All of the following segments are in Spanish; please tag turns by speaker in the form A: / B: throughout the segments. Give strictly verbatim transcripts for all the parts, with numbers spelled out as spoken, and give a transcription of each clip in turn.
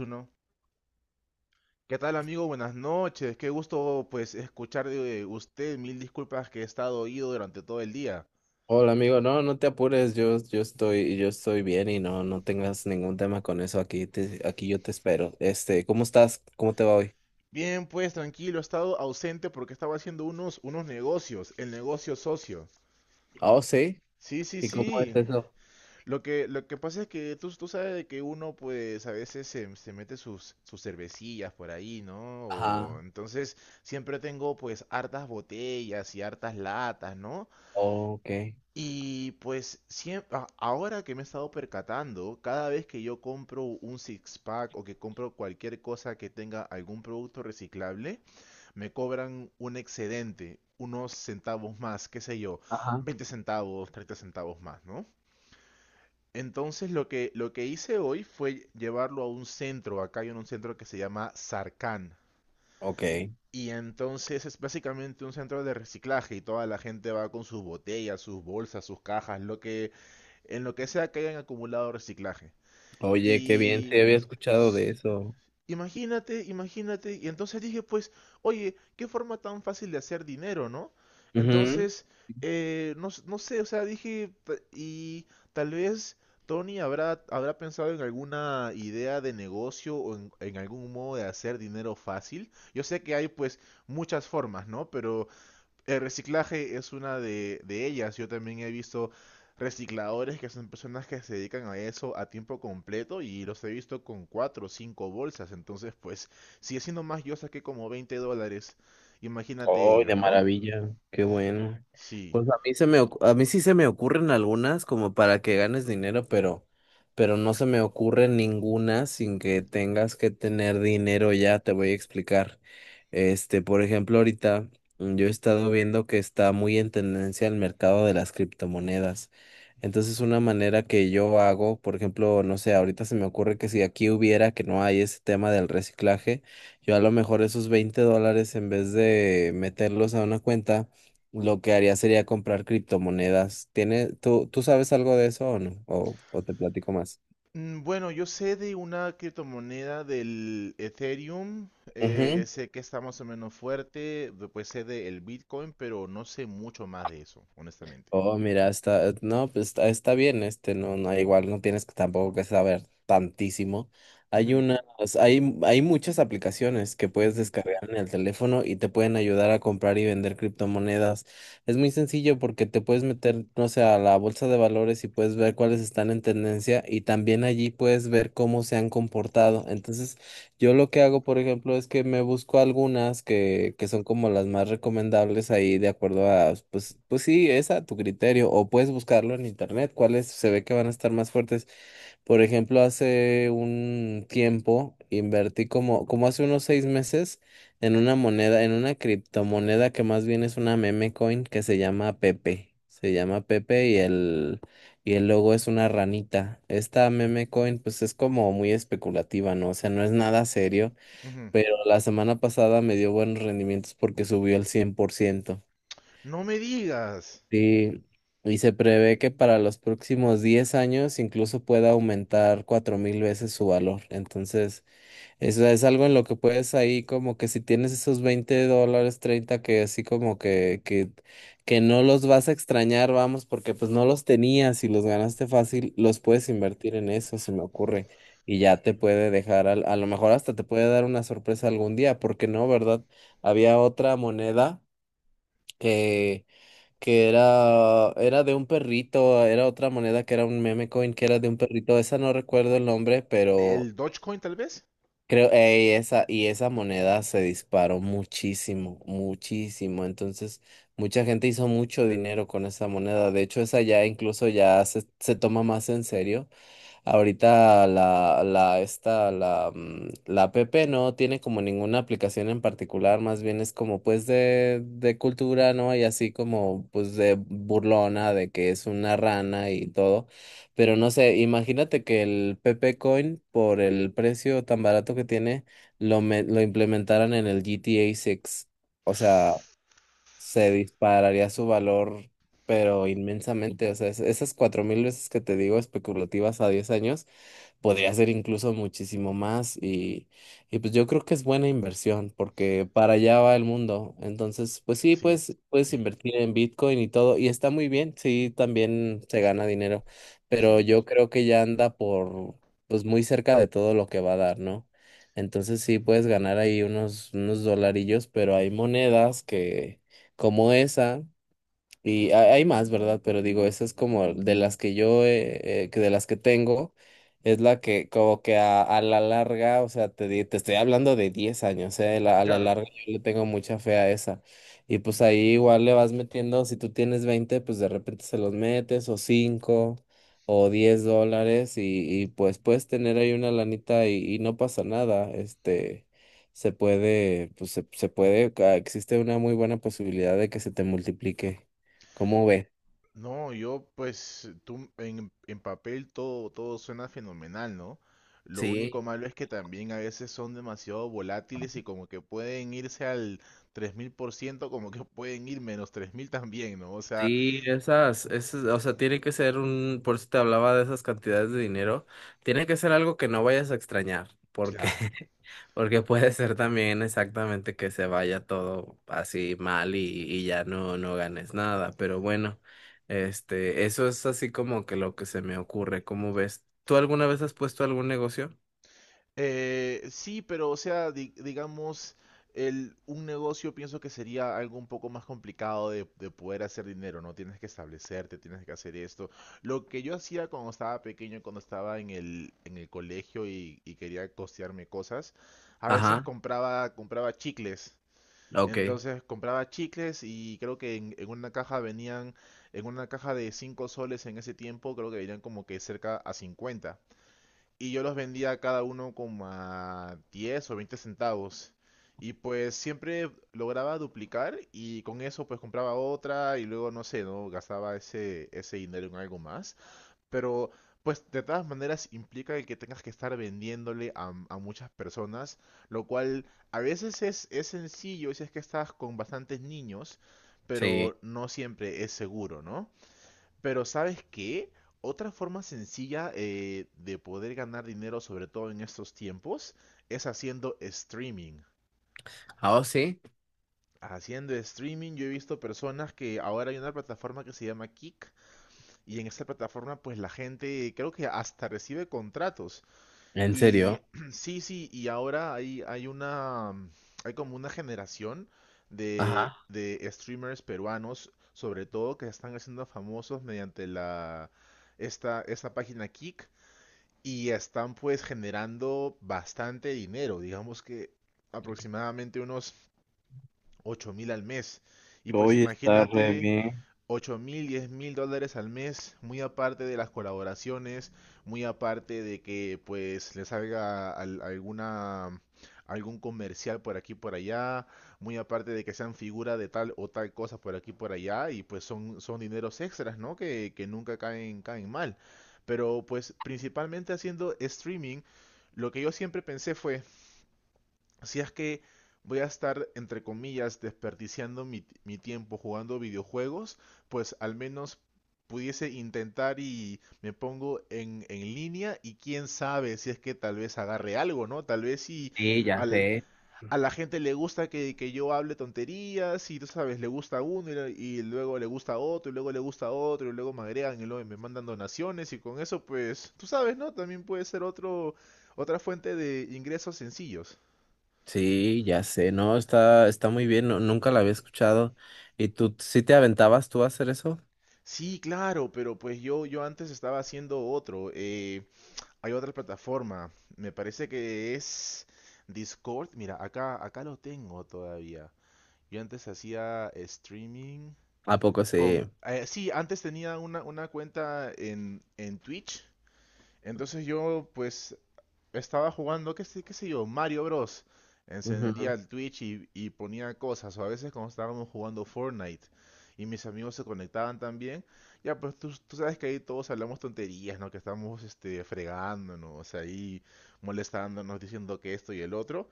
A: Uno. ¿Qué tal, amigo? Buenas noches. Qué gusto pues escuchar de usted. Mil disculpas que he estado oído durante todo el día.
B: Hola amigo, no, no te apures, yo, yo estoy, yo estoy bien y no, no tengas ningún tema con eso, aquí te, aquí yo te espero. Este, ¿cómo estás? ¿Cómo te va hoy?
A: Bien, pues tranquilo, he estado ausente porque estaba haciendo unos, unos negocios, el negocio socio.
B: Ah, oh, sí,
A: Sí, sí,
B: ¿y cómo es
A: sí.
B: eso?
A: Lo que, lo que pasa es que tú, tú sabes de que uno pues a veces se, se mete sus, sus cervecillas por ahí, ¿no? O,
B: Ajá,
A: entonces siempre tengo pues hartas botellas y hartas latas, ¿no?
B: ok,
A: Y pues siem- ahora que me he estado percatando, cada vez que yo compro un six pack o que compro cualquier cosa que tenga algún producto reciclable, me cobran un excedente, unos centavos más, qué sé yo,
B: ajá,
A: veinte centavos, treinta centavos más, ¿no? Entonces lo que, lo que hice hoy fue llevarlo a un centro, acá hay un centro que se llama Sarcan,
B: ok.
A: y entonces es básicamente un centro de reciclaje y toda la gente va con sus botellas, sus bolsas, sus cajas, lo que en lo que sea que hayan acumulado reciclaje.
B: Oye, qué bien, sí
A: Y
B: había escuchado de eso.
A: imagínate, imagínate. Y entonces dije, pues, oye, qué forma tan fácil de hacer dinero, ¿no? Entonces, eh, no, s- no sé, o sea, dije, "Ta- y tal vez Tony habrá, habrá pensado en alguna idea de negocio o en, en algún modo de hacer dinero fácil. Yo sé que hay, pues, muchas formas, ¿no? Pero el reciclaje es una de, de ellas. Yo también he visto recicladores que son personas que se dedican a eso a tiempo completo y los he visto con cuatro o cinco bolsas. Entonces, pues, si haciendo más, yo saqué como veinte dólares. Imagínate
B: ¡Oh,
A: ellos,
B: de
A: ¿no?
B: maravilla! ¡Qué bueno!
A: Sí.
B: Pues a mí se me, ocu- a mí sí se me ocurren algunas como para que ganes dinero, pero, pero no se me ocurre ninguna sin que tengas que tener dinero ya, te voy a explicar. Este, por ejemplo, ahorita mm, yo he estado viendo que está muy en tendencia el mercado de las criptomonedas. Entonces, una manera que yo hago, por ejemplo, no sé, ahorita se me ocurre que si aquí hubiera, que no hay ese tema del reciclaje, yo a lo mejor esos veinte dólares, en vez de meterlos a una cuenta, lo que haría sería comprar criptomonedas. ¿Tiene, tú, tú sabes algo de eso o no? ¿O, o te platico más?
A: Mm, bueno, yo sé de una criptomoneda del Ethereum, eh,
B: Ujú.
A: sé que está más o menos fuerte, después sé del Bitcoin, pero no sé mucho más de eso, honestamente.
B: Oh, mira, está, eh, no, pues está, está bien, este, no, no, igual no tienes que tampoco que saber tantísimo. Hay
A: Ujú,
B: unas, hay, mu- hay muchas aplicaciones que puedes
A: ujú,
B: descargar en el teléfono y te pueden ayudar a comprar y vender criptomonedas. Es muy sencillo porque te puedes meter, no sé, a la bolsa de valores y puedes ver cuáles están en tendencia y también allí puedes ver cómo se han comportado. Entonces yo lo que hago, por ejemplo, es que me busco algunas que, que son como las más recomendables ahí de acuerdo a, pues, pues sí, es a tu criterio, o puedes buscarlo en internet, cuáles se ve que van a estar más fuertes. Por ejemplo, hace un tiempo invertí como, como hace unos seis meses en una moneda, en una criptomoneda que más bien es una meme coin que se llama Pepe. Se llama Pepe y el, y el logo es una ranita. Esta meme coin pues es como muy especulativa, ¿no? O sea, no es nada serio,
A: ujú.
B: pero la semana pasada me dio buenos rendimientos porque subió el cien por ciento.
A: No me digas.
B: Sí, y se prevé que para los próximos diez años incluso pueda aumentar cuatro mil veces su valor. Entonces, eso es algo en lo que puedes ahí como que si tienes esos veinte dólares, treinta que así como que, que, que no los vas a extrañar, vamos, porque pues no los tenías y los ganaste fácil, los puedes invertir en eso, se me ocurre. Y ya te puede dejar, al- a lo mejor hasta te puede dar una sorpresa algún día, porque no, ¿verdad? Había otra moneda que que era, era de un perrito, era otra moneda que era un meme coin que era de un perrito, esa no recuerdo el nombre, pero
A: ¿El Dogecoin tal vez?
B: creo, ey, esa, y esa moneda se disparó muchísimo, muchísimo, entonces mucha gente hizo mucho dinero con esa moneda, de hecho esa ya incluso ya se, se toma más en serio. Ahorita la, la, esta, la, mm, la app no tiene como ninguna aplicación en particular, más bien es como pues de, de cultura, ¿no? Y así como pues de burlona, de que es una rana y todo. Pero no sé, imagínate que el Pepe Coin, por el precio tan barato que tiene, lo, me- lo implementaran en el G T A seis. O sea, se dispararía su valor, pero inmensamente. O sea, es- esas cuatro mil veces que te digo especulativas a diez años podría ser incluso muchísimo más y, y pues yo creo que es buena inversión porque para allá va el mundo. Entonces, pues sí,
A: Sí,
B: pues puedes
A: sí,
B: invertir en Bitcoin y todo y está muy bien, sí, también se gana dinero, pero
A: sí.
B: yo creo que ya anda por, pues muy cerca de todo lo que va a dar, ¿no? Entonces sí puedes ganar ahí unos, unos dolarillos, pero hay monedas que, como esa. Y ha- hay más, ¿verdad? Pero digo, esa es como de las que yo, eh, eh, que de las que tengo, es la que como que a, a la larga, o sea, te, di- te estoy hablando de diez años, eh, la- a la
A: Claro.
B: larga yo le tengo mucha fe a esa. Y pues ahí igual le vas metiendo, si tú tienes veinte pues de repente se los metes, o cinco o diez dólares, y, y pues puedes tener ahí una lanita y, y no pasa nada, este se puede, pues se, se puede, ca- existe una muy buena posibilidad de que se te multiplique. ¿Cómo ves?
A: No, yo pues tú en, en papel todo, todo suena fenomenal, ¿no? Lo único
B: Sí,
A: malo es que también a veces son demasiado volátiles y como que pueden irse al tres mil por ciento como que pueden ir menos tres mil también, ¿no? O sea,
B: sí, esas, esas, o sea, tiene que ser un, por eso te hablaba de esas cantidades de dinero, tiene que ser algo que no vayas a extrañar, porque, porque puede ser también exactamente que se vaya todo así mal y, y ya no, no ganes nada, pero bueno, este, eso es así como que lo que se me ocurre, ¿cómo ves? ¿Tú alguna vez has puesto algún negocio?
A: Eh, sí, pero o sea, di- digamos, el, un negocio pienso que sería algo un poco más complicado de, de poder hacer dinero, ¿no? Tienes que establecerte, tienes que hacer esto. Lo que yo hacía cuando estaba pequeño, cuando estaba en el, en el colegio y, y quería costearme cosas, a veces
B: Ajá,
A: compraba, compraba chicles.
B: ok,
A: Entonces compraba chicles y creo que en, en una caja venían, en una caja de cinco soles en ese tiempo, creo que venían como que cerca a cincuenta y yo los vendía a cada uno como a diez o veinte centavos. Y pues siempre lograba duplicar y con eso pues compraba otra y luego no sé, ¿no? Gastaba ese, ese dinero en algo más. Pero pues de todas maneras implica el que tengas que estar vendiéndole a, a muchas personas, lo cual a veces es, es sencillo si es que estás con bastantes niños, pero
B: sí.
A: no siempre es seguro, ¿no? Pero ¿sabes qué? Otra forma sencilla eh, de poder ganar dinero, sobre todo en estos tiempos, es haciendo streaming.
B: Ah, oh, sí,
A: Haciendo streaming yo he visto personas que ahora hay una plataforma que se llama Kick y en esta plataforma pues la gente creo que hasta recibe contratos.
B: ¿en
A: Y
B: serio?
A: sí, sí, y ahora hay, hay una, mm, hay como una generación de,
B: Ajá.
A: de streamers peruanos, sobre todo que se están haciendo famosos mediante la, esta, esta página Kick y están pues generando bastante dinero, digamos que aproximadamente unos ocho mil al mes. Y pues
B: Hoy está re
A: imagínate
B: bien.
A: ocho mil, diez mil dólares al mes, muy aparte de las colaboraciones, muy aparte de que pues le salga al- alguna, algún comercial por aquí por allá, muy aparte de que sean figura de tal o tal cosa por aquí por allá, y pues son, son dineros extras, ¿no? Que, que nunca caen, caen mal. Pero pues principalmente haciendo streaming, lo que yo siempre pensé fue, si es que voy a estar, entre comillas, desperdiciando mi, mi tiempo jugando videojuegos, pues al menos pudiese intentar y me pongo en, en línea y quién sabe si es que tal vez agarre algo, ¿no? Tal vez si
B: Sí, ya
A: al,
B: sé.
A: a la gente le gusta que, que yo hable tonterías y tú sabes, le gusta a uno y, le- y luego le gusta a otro y luego le gusta a otro y luego me agregan y luego me mandan donaciones y con eso pues, tú sabes, ¿no? También puede ser otro, otra fuente de ingresos sencillos.
B: Sí, ya sé, no, está, está muy bien, no- nunca la había escuchado. ¿Y tú sí te aventabas tú a hacer eso?
A: Sí, claro, pero pues yo, yo antes estaba haciendo otro. Eh, hay otra plataforma. Me parece que es Discord. Mira, acá, acá lo tengo todavía. Yo antes hacía streaming
B: ¿A poco sí?
A: con... eh, sí, antes tenía una, una cuenta en, en Twitch. Entonces yo pues estaba jugando, qué sé, qué sé yo, Mario Bros. Encendía
B: Ujú.
A: el Twitch y, y ponía cosas, o a veces cuando estábamos jugando Fortnite y mis amigos se conectaban también, ya pues tú, tú sabes que ahí todos hablamos tonterías, ¿no? Que estamos este, fregándonos, ahí molestándonos, diciendo que esto y el otro.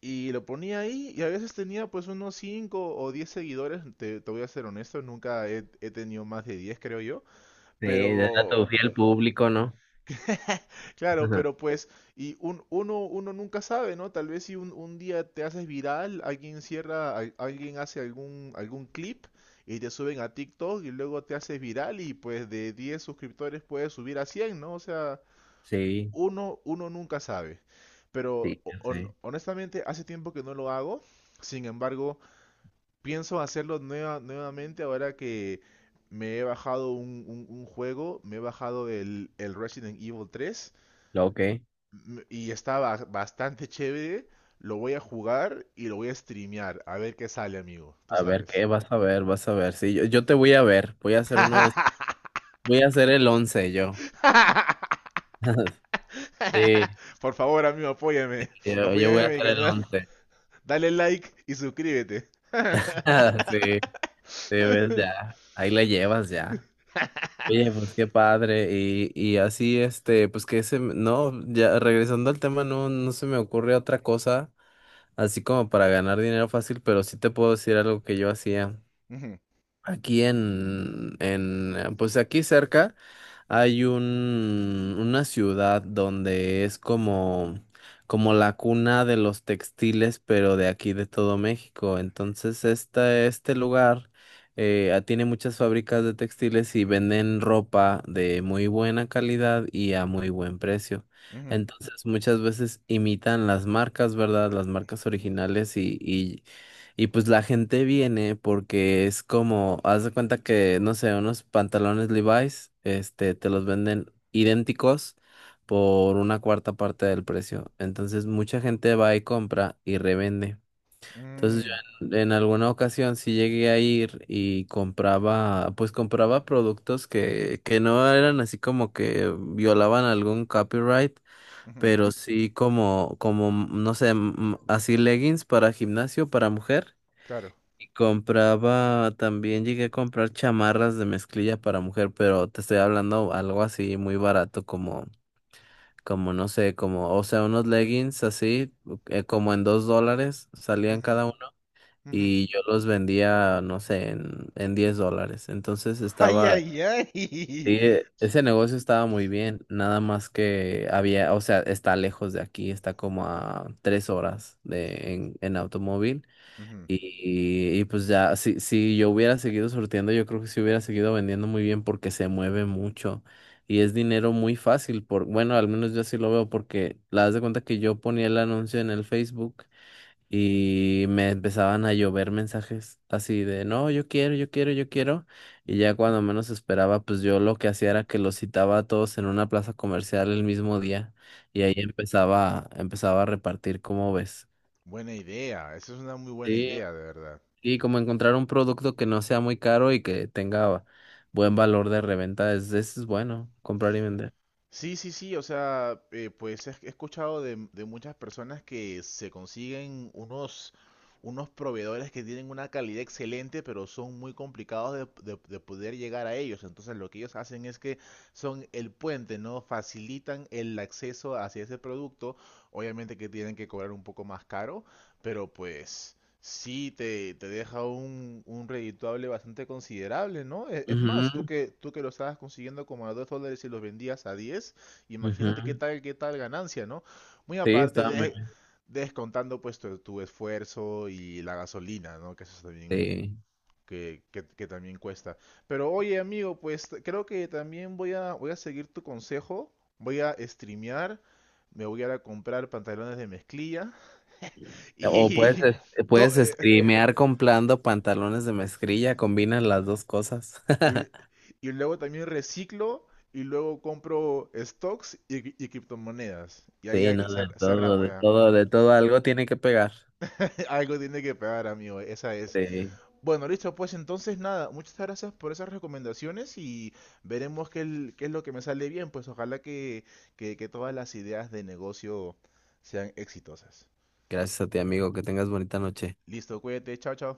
A: Y lo ponía ahí y a veces tenía pues unos cinco o diez seguidores, te, te voy a ser honesto, nunca he, he tenido más de diez creo yo,
B: Sí, era tu
A: pero
B: fiel público, ¿no?
A: claro,
B: Ujú.
A: pero pues, y un, uno, uno nunca sabe, ¿no? Tal vez si un, un día te haces viral, alguien cierra, al- alguien hace algún, algún clip y te suben a TikTok y luego te haces viral y pues de diez suscriptores puedes subir a cien, ¿no? O sea,
B: Sí,
A: uno, uno nunca sabe. Pero
B: sí,
A: ho-
B: ya
A: hon-
B: sé.
A: honestamente, hace tiempo que no lo hago. Sin embargo, pienso hacerlo nueva- nuevamente ahora que me he bajado un, un- un juego, me he bajado el, el Resident Evil tres
B: Lo que,
A: m- y está ba- bastante chévere. Lo voy a jugar y lo voy a streamear. A ver qué sale, amigo. Tú
B: a ver
A: sabes.
B: qué, vas a ver, vas a ver. Sí, yo, yo te voy a ver, voy a hacer uno de, voy a hacer el once yo. Sí,
A: Por favor, amigo, apóyame.
B: yo, yo voy
A: Apóyame
B: a
A: en mi
B: hacer el
A: canal.
B: once.
A: Dale like y suscríbete.
B: Sí, sí, ves ya, ahí la llevas ya. Oye, pues qué padre. Y, y así, este, pues que ese no, ya regresando al tema, no, no se me ocurre otra cosa, así como para ganar dinero fácil, pero sí te puedo decir algo que yo hacía.
A: Ujú,
B: Aquí en, en, eh, pues aquí cerca hay un, una ciudad donde es como, como la cuna de los textiles, pero de aquí de todo México. Entonces, esta, este lugar eh, ah, tiene muchas fábricas de textiles y venden ropa de muy buena calidad y a muy buen precio.
A: ujú,
B: Entonces, muchas veces imitan las marcas, ¿verdad? Las marcas originales y, y y pues la gente viene porque es como, haz de cuenta que, no sé, unos pantalones Levi's, este, te los venden idénticos por una cuarta parte del precio. Entonces mucha gente va y compra y revende. Entonces yo
A: mm,
B: en, en alguna ocasión sí llegué a ir y compraba, pues compraba productos que, que no eran así como que violaban algún copyright.
A: ujú,
B: Pero sí como, como, no sé, m- así leggings para gimnasio, para mujer.
A: claro.
B: Compraba, también llegué a comprar chamarras de mezclilla para mujer, pero te estoy hablando algo así muy barato como, como no sé, como, o sea, unos leggings así, eh, como en dos dólares salían
A: Ujú,
B: cada uno
A: ujú.
B: y yo los vendía, no sé, en, en diez dólares. Entonces
A: Ay,
B: estaba, sí,
A: ay, ay.
B: eh, ese negocio estaba muy bien, nada más que había, o sea, está lejos de aquí, está como a tres horas de, en, en automóvil.
A: Ujú.
B: Y, y pues ya, si, si yo hubiera seguido sorteando, yo creo que sí hubiera seguido vendiendo muy bien porque se mueve mucho y es dinero muy fácil por, bueno, al menos yo así lo veo porque la das de cuenta que yo ponía el anuncio en el Facebook y me empezaban a llover mensajes así de, no, yo quiero, yo quiero, yo quiero. Y ya cuando menos esperaba, pues yo lo que hacía era que los citaba a todos en una plaza comercial el mismo día y ahí empezaba, empezaba a repartir, ¿cómo ves?
A: Buena idea. Esa es una muy buena
B: Sí,
A: idea, de verdad.
B: y como encontrar un producto que no sea muy caro y que tenga buen valor de reventa, es, es bueno comprar y vender.
A: Sí, sí, sí, o sea, eh, pues he he escuchado de, de muchas personas que se consiguen unos, unos proveedores que tienen una calidad excelente, pero son muy complicados de, de- de poder llegar a ellos. Entonces lo que ellos hacen es que son el puente, ¿no? Facilitan el acceso hacia ese producto. Obviamente que tienen que cobrar un poco más caro, pero pues sí, te, te deja un, un redituable bastante considerable, ¿no? E- Es más, tú
B: Ujú,
A: que, tú que lo estabas consiguiendo como a dos dólares y los vendías a diez, imagínate qué
B: ujú.
A: tal, qué tal ganancia, ¿no? Muy
B: Sí,
A: aparte
B: está muy
A: de
B: bien.
A: descontando pues tu, tu esfuerzo y la gasolina, ¿no? Que eso es también,
B: Sí.
A: que, que, que también cuesta. Pero oye, amigo, pues t- creo que también voy a, voy a seguir tu consejo, voy a streamear, me voy a ir a comprar pantalones de mezclilla
B: O puedes,
A: y...
B: es-
A: to-
B: puedes
A: eh,
B: streamear comprando pantalones de mezclilla, combinas las dos cosas.
A: Y, y luego también reciclo y luego compro stocks y, cri- y criptomonedas. Y ahí ya
B: Sí, no, de
A: cer-
B: todo,
A: cerramos
B: de
A: ya.
B: todo, de todo, algo tiene que pegar.
A: Algo tiene que pegar, amigo. Esa es.
B: Sí.
A: Bueno, listo, pues entonces nada. Muchas gracias por esas recomendaciones y veremos qué, el- qué es lo que me sale bien. Pues ojalá que, que, que todas las ideas de negocio sean exitosas.
B: Gracias a ti, amigo, que tengas bonita noche.
A: Listo, cuídate. Chao, chao.